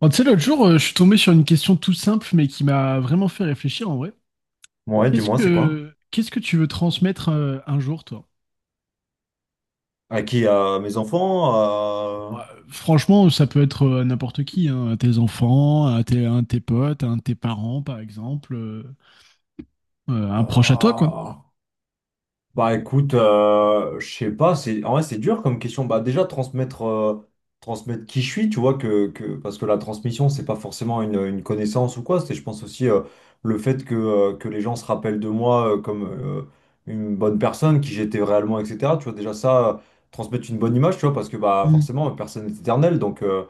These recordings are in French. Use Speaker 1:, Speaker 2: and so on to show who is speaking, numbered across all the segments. Speaker 1: Bon, tu sais, l'autre jour, je suis tombé sur une question tout simple, mais qui m'a vraiment fait réfléchir en vrai.
Speaker 2: Ouais,
Speaker 1: Qu'est-ce
Speaker 2: dis-moi, c'est quoi?
Speaker 1: que, qu'est-ce que tu veux transmettre un jour, toi?
Speaker 2: À qui? À mes enfants?
Speaker 1: Ouais, franchement, ça peut être à n'importe qui, hein, à tes enfants, un de tes potes, à un de tes parents, par exemple, un proche à toi, quoi.
Speaker 2: À- Bah écoute, je sais pas, c'est, en vrai, c'est dur comme question. Bah déjà transmettre qui je suis, tu vois que parce que la transmission c'est pas forcément une connaissance ou quoi. C'est, je pense aussi, le fait que les gens se rappellent de moi comme une bonne personne, qui j'étais réellement, etc. Tu vois déjà ça, transmettre une bonne image, tu vois parce que bah
Speaker 1: Mm.
Speaker 2: forcément personne n'est éternel, donc euh,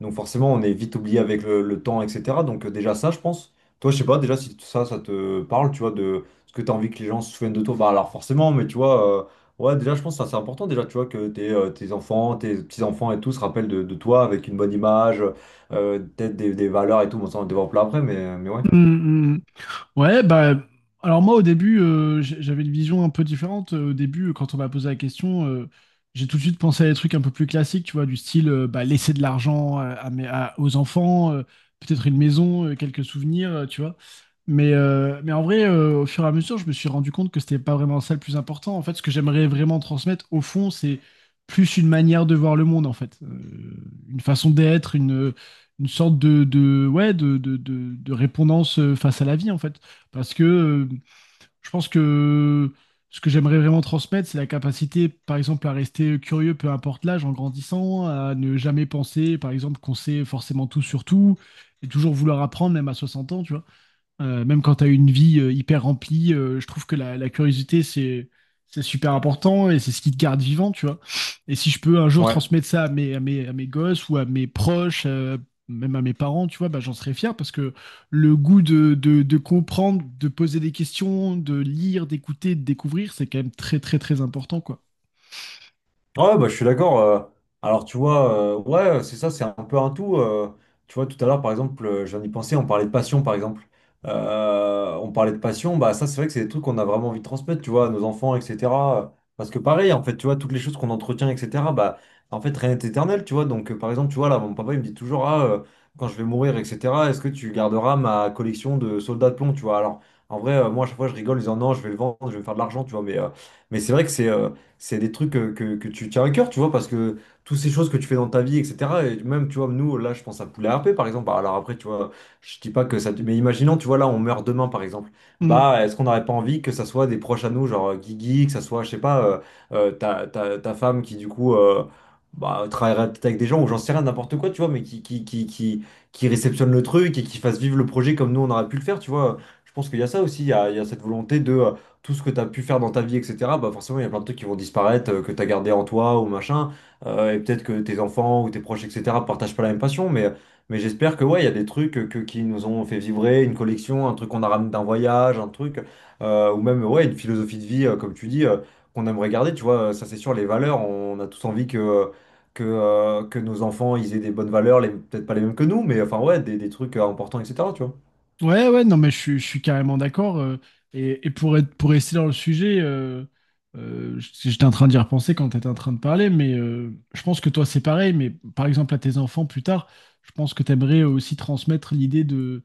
Speaker 2: donc forcément on est vite oublié avec le temps, etc. Donc, déjà ça je pense. Toi je sais pas déjà si ça ça te parle, tu vois parce que tu as envie que les gens se souviennent de toi. Bah alors forcément, mais tu vois, ouais, déjà je pense que ça, c'est important déjà, tu vois, que tes enfants, tes petits-enfants et tout se rappellent de toi avec une bonne image, peut-être des valeurs et tout, bon ça on le développe là après, mais ouais.
Speaker 1: Mm. Mm. Ouais, bah, alors moi au début, j'avais une vision un peu différente. Au début, quand on m'a posé la question, j'ai tout de suite pensé à des trucs un peu plus classiques, tu vois, du style bah, laisser de l'argent aux enfants, peut-être une maison, quelques souvenirs, tu vois. Mais en vrai, au fur et à mesure, je me suis rendu compte que c'était pas vraiment ça le plus important. En fait, ce que j'aimerais vraiment transmettre, au fond, c'est plus une manière de voir le monde, en fait. Une façon d'être, une sorte ouais, de répondance face à la vie, en fait. Parce que je pense que ce que j'aimerais vraiment transmettre, c'est la capacité, par exemple, à rester curieux, peu importe l'âge, en grandissant, à ne jamais penser, par exemple, qu'on sait forcément tout sur tout, et toujours vouloir apprendre, même à 60 ans, tu vois. Même quand tu as une vie hyper remplie, je trouve que la curiosité, c'est super important et c'est ce qui te garde vivant, tu vois. Et si je peux un jour
Speaker 2: Ouais.
Speaker 1: transmettre ça à mes gosses ou à mes proches, même à mes parents, tu vois, bah, j'en serais fier parce que le goût de comprendre, de poser des questions, de lire, d'écouter, de découvrir, c'est quand même très, très, très important, quoi.
Speaker 2: Ouais, bah, je suis d'accord. Alors, tu vois, ouais, c'est ça, c'est un peu un tout. Tu vois, tout à l'heure, par exemple, j'en ai pensé, on parlait de passion, par exemple. On parlait de passion, bah, ça, c'est vrai que c'est des trucs qu'on a vraiment envie de transmettre, tu vois, à nos enfants, etc. Parce que, pareil, en fait, tu vois, toutes les choses qu'on entretient, etc., bah, en fait, rien n'est éternel, tu vois. Donc, par exemple, tu vois, là, mon papa, il me dit toujours, ah, quand je vais mourir, etc., est-ce que tu garderas ma collection de soldats de plomb, tu vois. Alors, en vrai, moi, à chaque fois, je rigole en disant, non, je vais le vendre, je vais me faire de l'argent, tu vois, mais. Mais c'est vrai que c'est des trucs que tu tiens à cœur, tu vois, parce que toutes ces choses que tu fais dans ta vie, etc. Et même, tu vois, nous, là, je pense à Poulet RP, par exemple. Bah, alors après, tu vois, je dis pas que ça... Mais imaginons, tu vois, là, on meurt demain, par exemple.
Speaker 1: Mm.
Speaker 2: Bah, est-ce qu'on n'aurait pas envie que ça soit des proches à nous, genre Guigui, que ça soit, je sais pas, ta femme qui, du coup... Bah, travaillerait peut-être avec des gens ou j'en sais rien, n'importe quoi, tu vois, mais qui réceptionne le truc et qui fasse vivre le projet comme nous on aurait pu le faire, tu vois. Je pense qu'il y a ça aussi, il y a cette volonté de tout ce que tu as pu faire dans ta vie, etc., bah forcément, il y a plein de trucs qui vont disparaître, que tu as gardé en toi ou machin. Et peut-être que tes enfants ou tes proches, etc., partagent pas la même passion. Mais j'espère que, ouais, il y a des trucs qui nous ont fait vibrer, une collection, un truc qu'on a ramené d'un voyage, un truc, ou même, ouais, une philosophie de vie, comme tu dis, qu'on aimerait garder. Tu vois, ça, c'est sûr, les valeurs, on a tous envie que. Que nos enfants ils aient des bonnes valeurs, peut-être pas les mêmes que nous, mais enfin ouais, des trucs importants, etc. Tu vois.
Speaker 1: Ouais, ouais, non, mais je suis carrément d'accord. Et pour pour rester dans le sujet, j'étais en train d'y repenser quand tu étais en train de parler, mais je pense que toi, c'est pareil. Mais par exemple, à tes enfants plus tard, je pense que tu aimerais aussi transmettre l'idée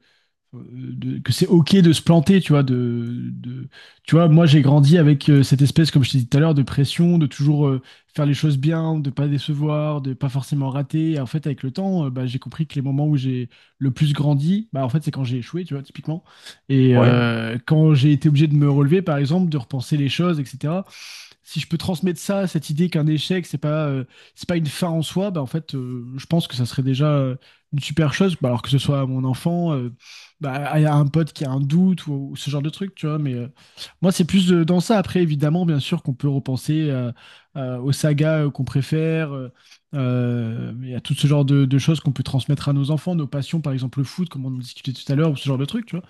Speaker 1: de- que c'est ok de se planter, tu vois, tu vois, moi j'ai grandi avec cette espèce, comme je t'ai dit tout à l'heure, de pression, de toujours faire les choses bien, de pas décevoir, de pas forcément rater. Et en fait, avec le temps, bah, j'ai compris que les moments où j'ai le plus grandi, bah, en fait, c'est quand j'ai échoué, tu vois, typiquement. Et
Speaker 2: Ouais.
Speaker 1: euh, quand j'ai été obligé de me relever, par exemple, de repenser les choses, etc. Si je peux transmettre ça, cette idée qu'un échec, c'est pas une fin en soi, bah, en fait, je pense que ça serait déjà une super chose. Bah, alors que ce soit à mon enfant, bah, à un pote qui a un doute ou ce genre de truc, tu vois. Mais moi, c'est plus dans ça. Après, évidemment, bien sûr qu'on peut repenser aux sagas qu'on préfère. Il y tout ce genre de choses qu'on peut transmettre à nos enfants, nos passions, par exemple le foot, comme on en discutait tout à l'heure, ou ce genre de truc, tu vois.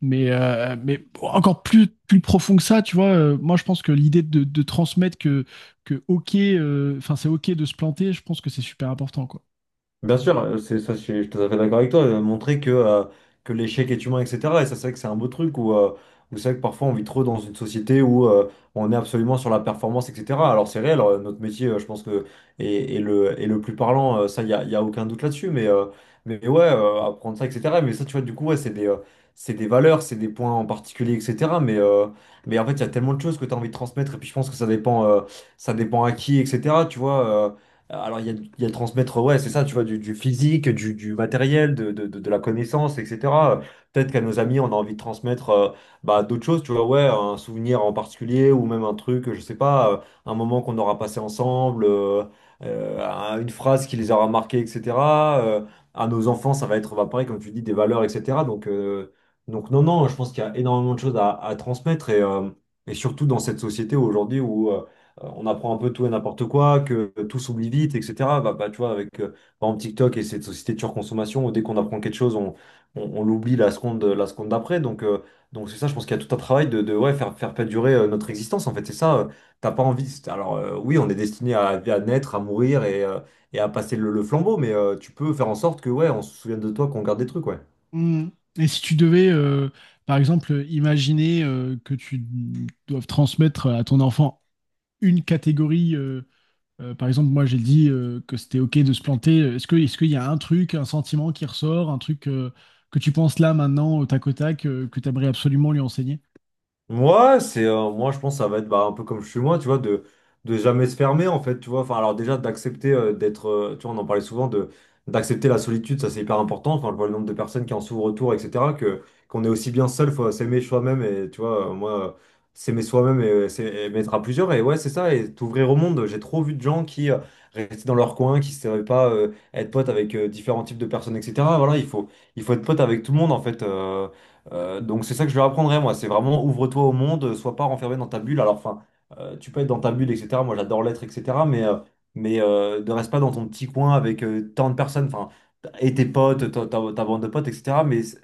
Speaker 1: Mais encore plus profond que ça, tu vois. Moi je pense que l'idée de transmettre que enfin c'est ok de se planter, je pense que c'est super important, quoi.
Speaker 2: Bien sûr, c'est ça, je tout à fait d'accord avec toi. Montrer que l'échec est humain, etc. Et ça, c'est vrai que c'est un beau truc où c'est vrai que parfois on vit trop dans une société où on est absolument sur la performance, etc. Alors c'est réel, notre métier, je pense que est le plus parlant, ça, y a aucun doute là-dessus. Mais ouais, apprendre ça, etc. Mais ça, tu vois, du coup, ouais, c'est des valeurs, c'est des points en particulier, etc. Mais en fait, il y a tellement de choses que tu as envie de transmettre. Et puis je pense que ça dépend à qui, etc. Tu vois. Alors, il y a transmettre, ouais, c'est ça, tu vois, du physique, du matériel, de la connaissance, etc. Euh, Peut-être qu'à nos amis, on a envie de transmettre bah, d'autres choses, tu vois, ouais, un souvenir en particulier ou même un truc, je sais pas, un moment qu'on aura passé ensemble, une phrase qui les aura marqués, etc. Euh, à nos enfants, ça va être, bah, pareil, comme tu dis, des valeurs, etc. Donc non, non, je pense qu'il y a énormément de choses à transmettre et surtout dans cette société aujourd'hui où. On apprend un peu tout et n'importe quoi, que tout s'oublie vite, etc. Bah, tu vois, avec par exemple TikTok et cette société de surconsommation, dès qu'on apprend quelque chose, on l'oublie la seconde d'après. Donc c'est ça, je pense qu'il y a tout un travail de ouais, faire perdurer notre existence. En fait, c'est ça, t'as pas envie. Alors, oui, on est destiné à naître, à mourir et à passer le flambeau, mais tu peux faire en sorte que ouais, on se souvienne de toi, qu'on garde des trucs, ouais.
Speaker 1: Mm. Et si tu devais par exemple imaginer que tu doives transmettre à ton enfant une catégorie par exemple moi j'ai dit que c'était ok de se planter. Est-ce qu'il y a un truc, un sentiment qui ressort, un truc que tu penses là maintenant au tac au tac, que tu aimerais absolument lui enseigner?
Speaker 2: Moi, c'est moi je pense que ça va être bah, un peu comme je suis moi, tu vois, de jamais se fermer en fait, tu vois. Enfin, alors déjà d'accepter d'être, tu vois, on en parlait souvent de d'accepter la solitude, ça c'est hyper important. Enfin, je vois le nombre de personnes qui en souffrent autour, etc. Que qu'on est aussi bien seul, faut s'aimer soi-même et tu vois, moi s'aimer soi-même et, s'aimer être à plusieurs et ouais c'est ça et t'ouvrir au monde. J'ai trop vu de gens qui restaient dans leur coin, qui savaient pas être potes avec différents types de personnes, etc. Voilà, il faut être pote avec tout le monde en fait. Donc c'est ça que je leur apprendrai, moi. C'est vraiment ouvre-toi au monde, sois pas renfermé dans ta bulle. Alors, enfin, tu peux être dans ta bulle, etc. Moi, j'adore l'être, etc. Mais ne reste pas dans ton petit coin avec tant de personnes, enfin, et tes potes, ta bande de potes, etc. Mais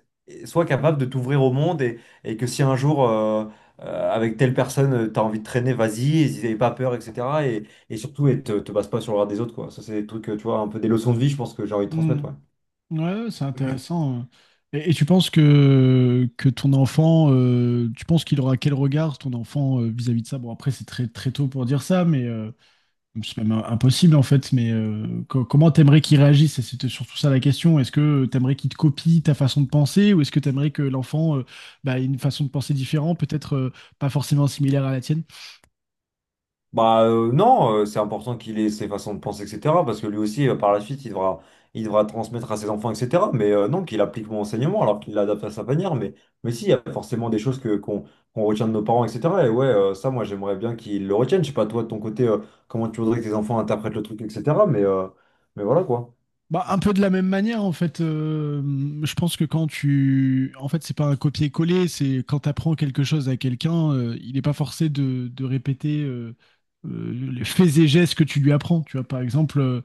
Speaker 2: sois capable de t'ouvrir au monde et que si un jour, avec telle personne, tu as envie de traîner, vas-y, et n'aie pas peur, etc. Et, et surtout, et te base pas sur le regard des autres, quoi. Ça, c'est des trucs, tu vois, un peu des leçons de vie, je pense que j'ai envie de transmettre, ouais.
Speaker 1: Ouais, c'est intéressant, hein. Et tu penses que ton enfant, tu penses qu'il aura quel regard, ton enfant, vis-à-vis de ça? Bon, après, c'est très, très tôt pour dire ça, mais c'est même impossible en fait. Mais comment t'aimerais qu'il réagisse? Et c'était surtout ça, la question. Est-ce que t'aimerais qu'il te copie ta façon de penser ou est-ce que t'aimerais que l'enfant bah, ait une façon de penser différente, peut-être pas forcément similaire à la tienne?
Speaker 2: Bah non, c'est important qu'il ait ses façons de penser, etc. Parce que lui aussi, par la suite, il devra transmettre à ses enfants, etc. Mais non, qu'il applique mon enseignement alors qu'il l'adapte à sa manière. Mais si, il y a forcément des choses que qu'on qu'on retient de nos parents, etc. Et ouais, ça, moi, j'aimerais bien qu'ils le retiennent. Je sais pas, toi, de ton côté, comment tu voudrais que tes enfants interprètent le truc, etc. Mais voilà quoi.
Speaker 1: Bah, un peu de la même manière, en fait, je pense que quand tu. En fait, c'est pas un copier-coller, c'est quand tu apprends quelque chose à quelqu'un, il n'est pas forcé de répéter les faits et gestes que tu lui apprends. Tu vois, par exemple, euh,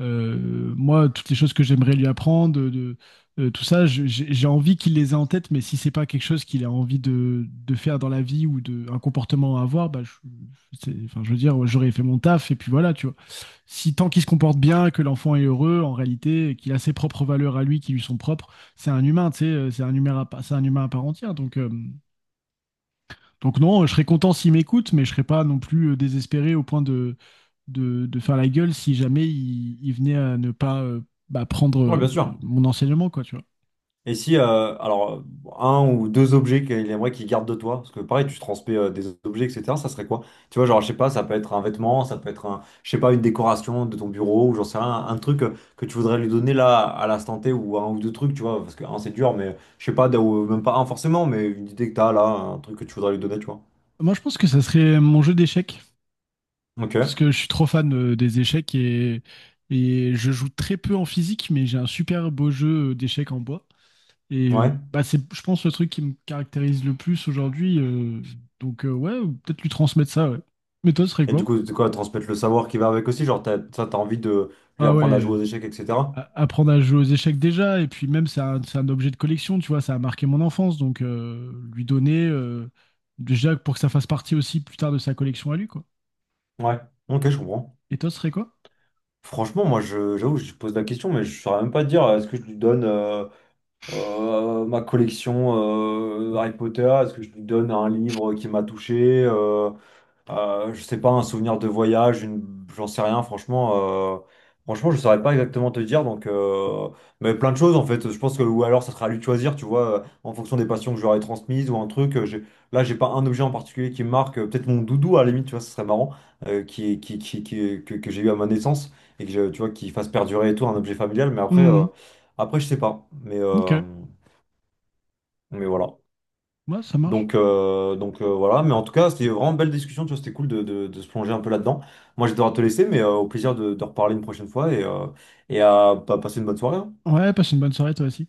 Speaker 1: euh, moi, toutes les choses que j'aimerais lui apprendre, tout ça, j'ai envie qu'il les ait en tête, mais si c'est pas quelque chose qu'il a envie de faire dans la vie ou de, un comportement à avoir, bah, enfin, je veux dire, j'aurais fait mon taf et puis voilà, tu vois. Si tant qu'il se comporte bien, que l'enfant est heureux, en réalité, qu'il a ses propres valeurs à lui qui lui sont propres, c'est un humain, tu sais, c'est un humain à part entière. Donc non, je serais content s'il m'écoute, mais je serais pas non plus désespéré au point de faire la gueule si jamais il venait à ne pas bah, prendre
Speaker 2: Ouais, bien sûr.
Speaker 1: mon enseignement, quoi, tu vois.
Speaker 2: Et si, alors, un ou deux objets qu'il aimerait qu'il garde de toi, parce que pareil, tu transmets des objets, etc., ça serait quoi? Tu vois, genre, je sais pas, ça peut être un vêtement, ça peut être un, je sais pas, une décoration de ton bureau, ou j'en sais rien, un truc que tu voudrais lui donner là, à l'instant T, ou un ou deux trucs, tu vois, parce que un, c'est dur, mais je sais pas, ou même pas un forcément, mais une idée que t'as là, un truc que tu voudrais lui donner, tu vois.
Speaker 1: Moi, je pense que ça serait mon jeu d'échecs,
Speaker 2: Ok,
Speaker 1: parce que je suis trop fan des échecs, et je joue très peu en physique, mais j'ai un super beau jeu d'échecs en bois. Et
Speaker 2: ouais.
Speaker 1: euh, bah, c'est, je pense, le truc qui me caractérise le plus aujourd'hui. Donc, ouais, ou peut-être lui transmettre ça, ouais. Mais toi, ce serait
Speaker 2: Et
Speaker 1: quoi?
Speaker 2: du coup, c'est quoi, transmettre le savoir qui va avec aussi, genre, ça, t'as envie de lui
Speaker 1: Ah
Speaker 2: apprendre à
Speaker 1: ouais,
Speaker 2: jouer aux échecs, etc.
Speaker 1: apprendre à jouer aux échecs déjà. Et puis même, c'est un objet de collection, tu vois, ça a marqué mon enfance. Donc, lui donner, déjà, pour que ça fasse partie aussi plus tard de sa collection à lui, quoi.
Speaker 2: Ouais, ok, je comprends.
Speaker 1: Et toi, ce serait quoi?
Speaker 2: Franchement, moi, j'avoue, je pose la question, mais je saurais même pas te dire, est-ce que je lui donne ma collection Harry Potter? Est-ce que je lui donne un livre qui m'a touché? Je sais pas, un souvenir de voyage, une... j'en sais rien, franchement. Franchement, je saurais pas exactement te dire, donc. Mais plein de choses, en fait. Je pense que, ou alors, ça sera à lui de choisir, tu vois, en fonction des passions que je lui j'aurais transmises ou un truc. Là, j'ai pas un objet en particulier qui me marque. Peut-être mon doudou, à la limite, tu vois, ce serait marrant, que j'ai eu à ma naissance et que, tu vois, qui fasse perdurer et tout, un objet familial. Mais après, euh,
Speaker 1: Hmm,
Speaker 2: après, je sais pas. Mais,
Speaker 1: ok,
Speaker 2: euh, mais voilà.
Speaker 1: ouais, ça marche.
Speaker 2: Donc, voilà, mais en tout cas, c'était vraiment une belle discussion, tu vois, c'était cool de se plonger un peu là-dedans. Moi, je vais devoir te laisser, mais au plaisir de reparler une prochaine fois et à passer une bonne soirée. Hein.
Speaker 1: Ouais, passe une bonne soirée, toi aussi.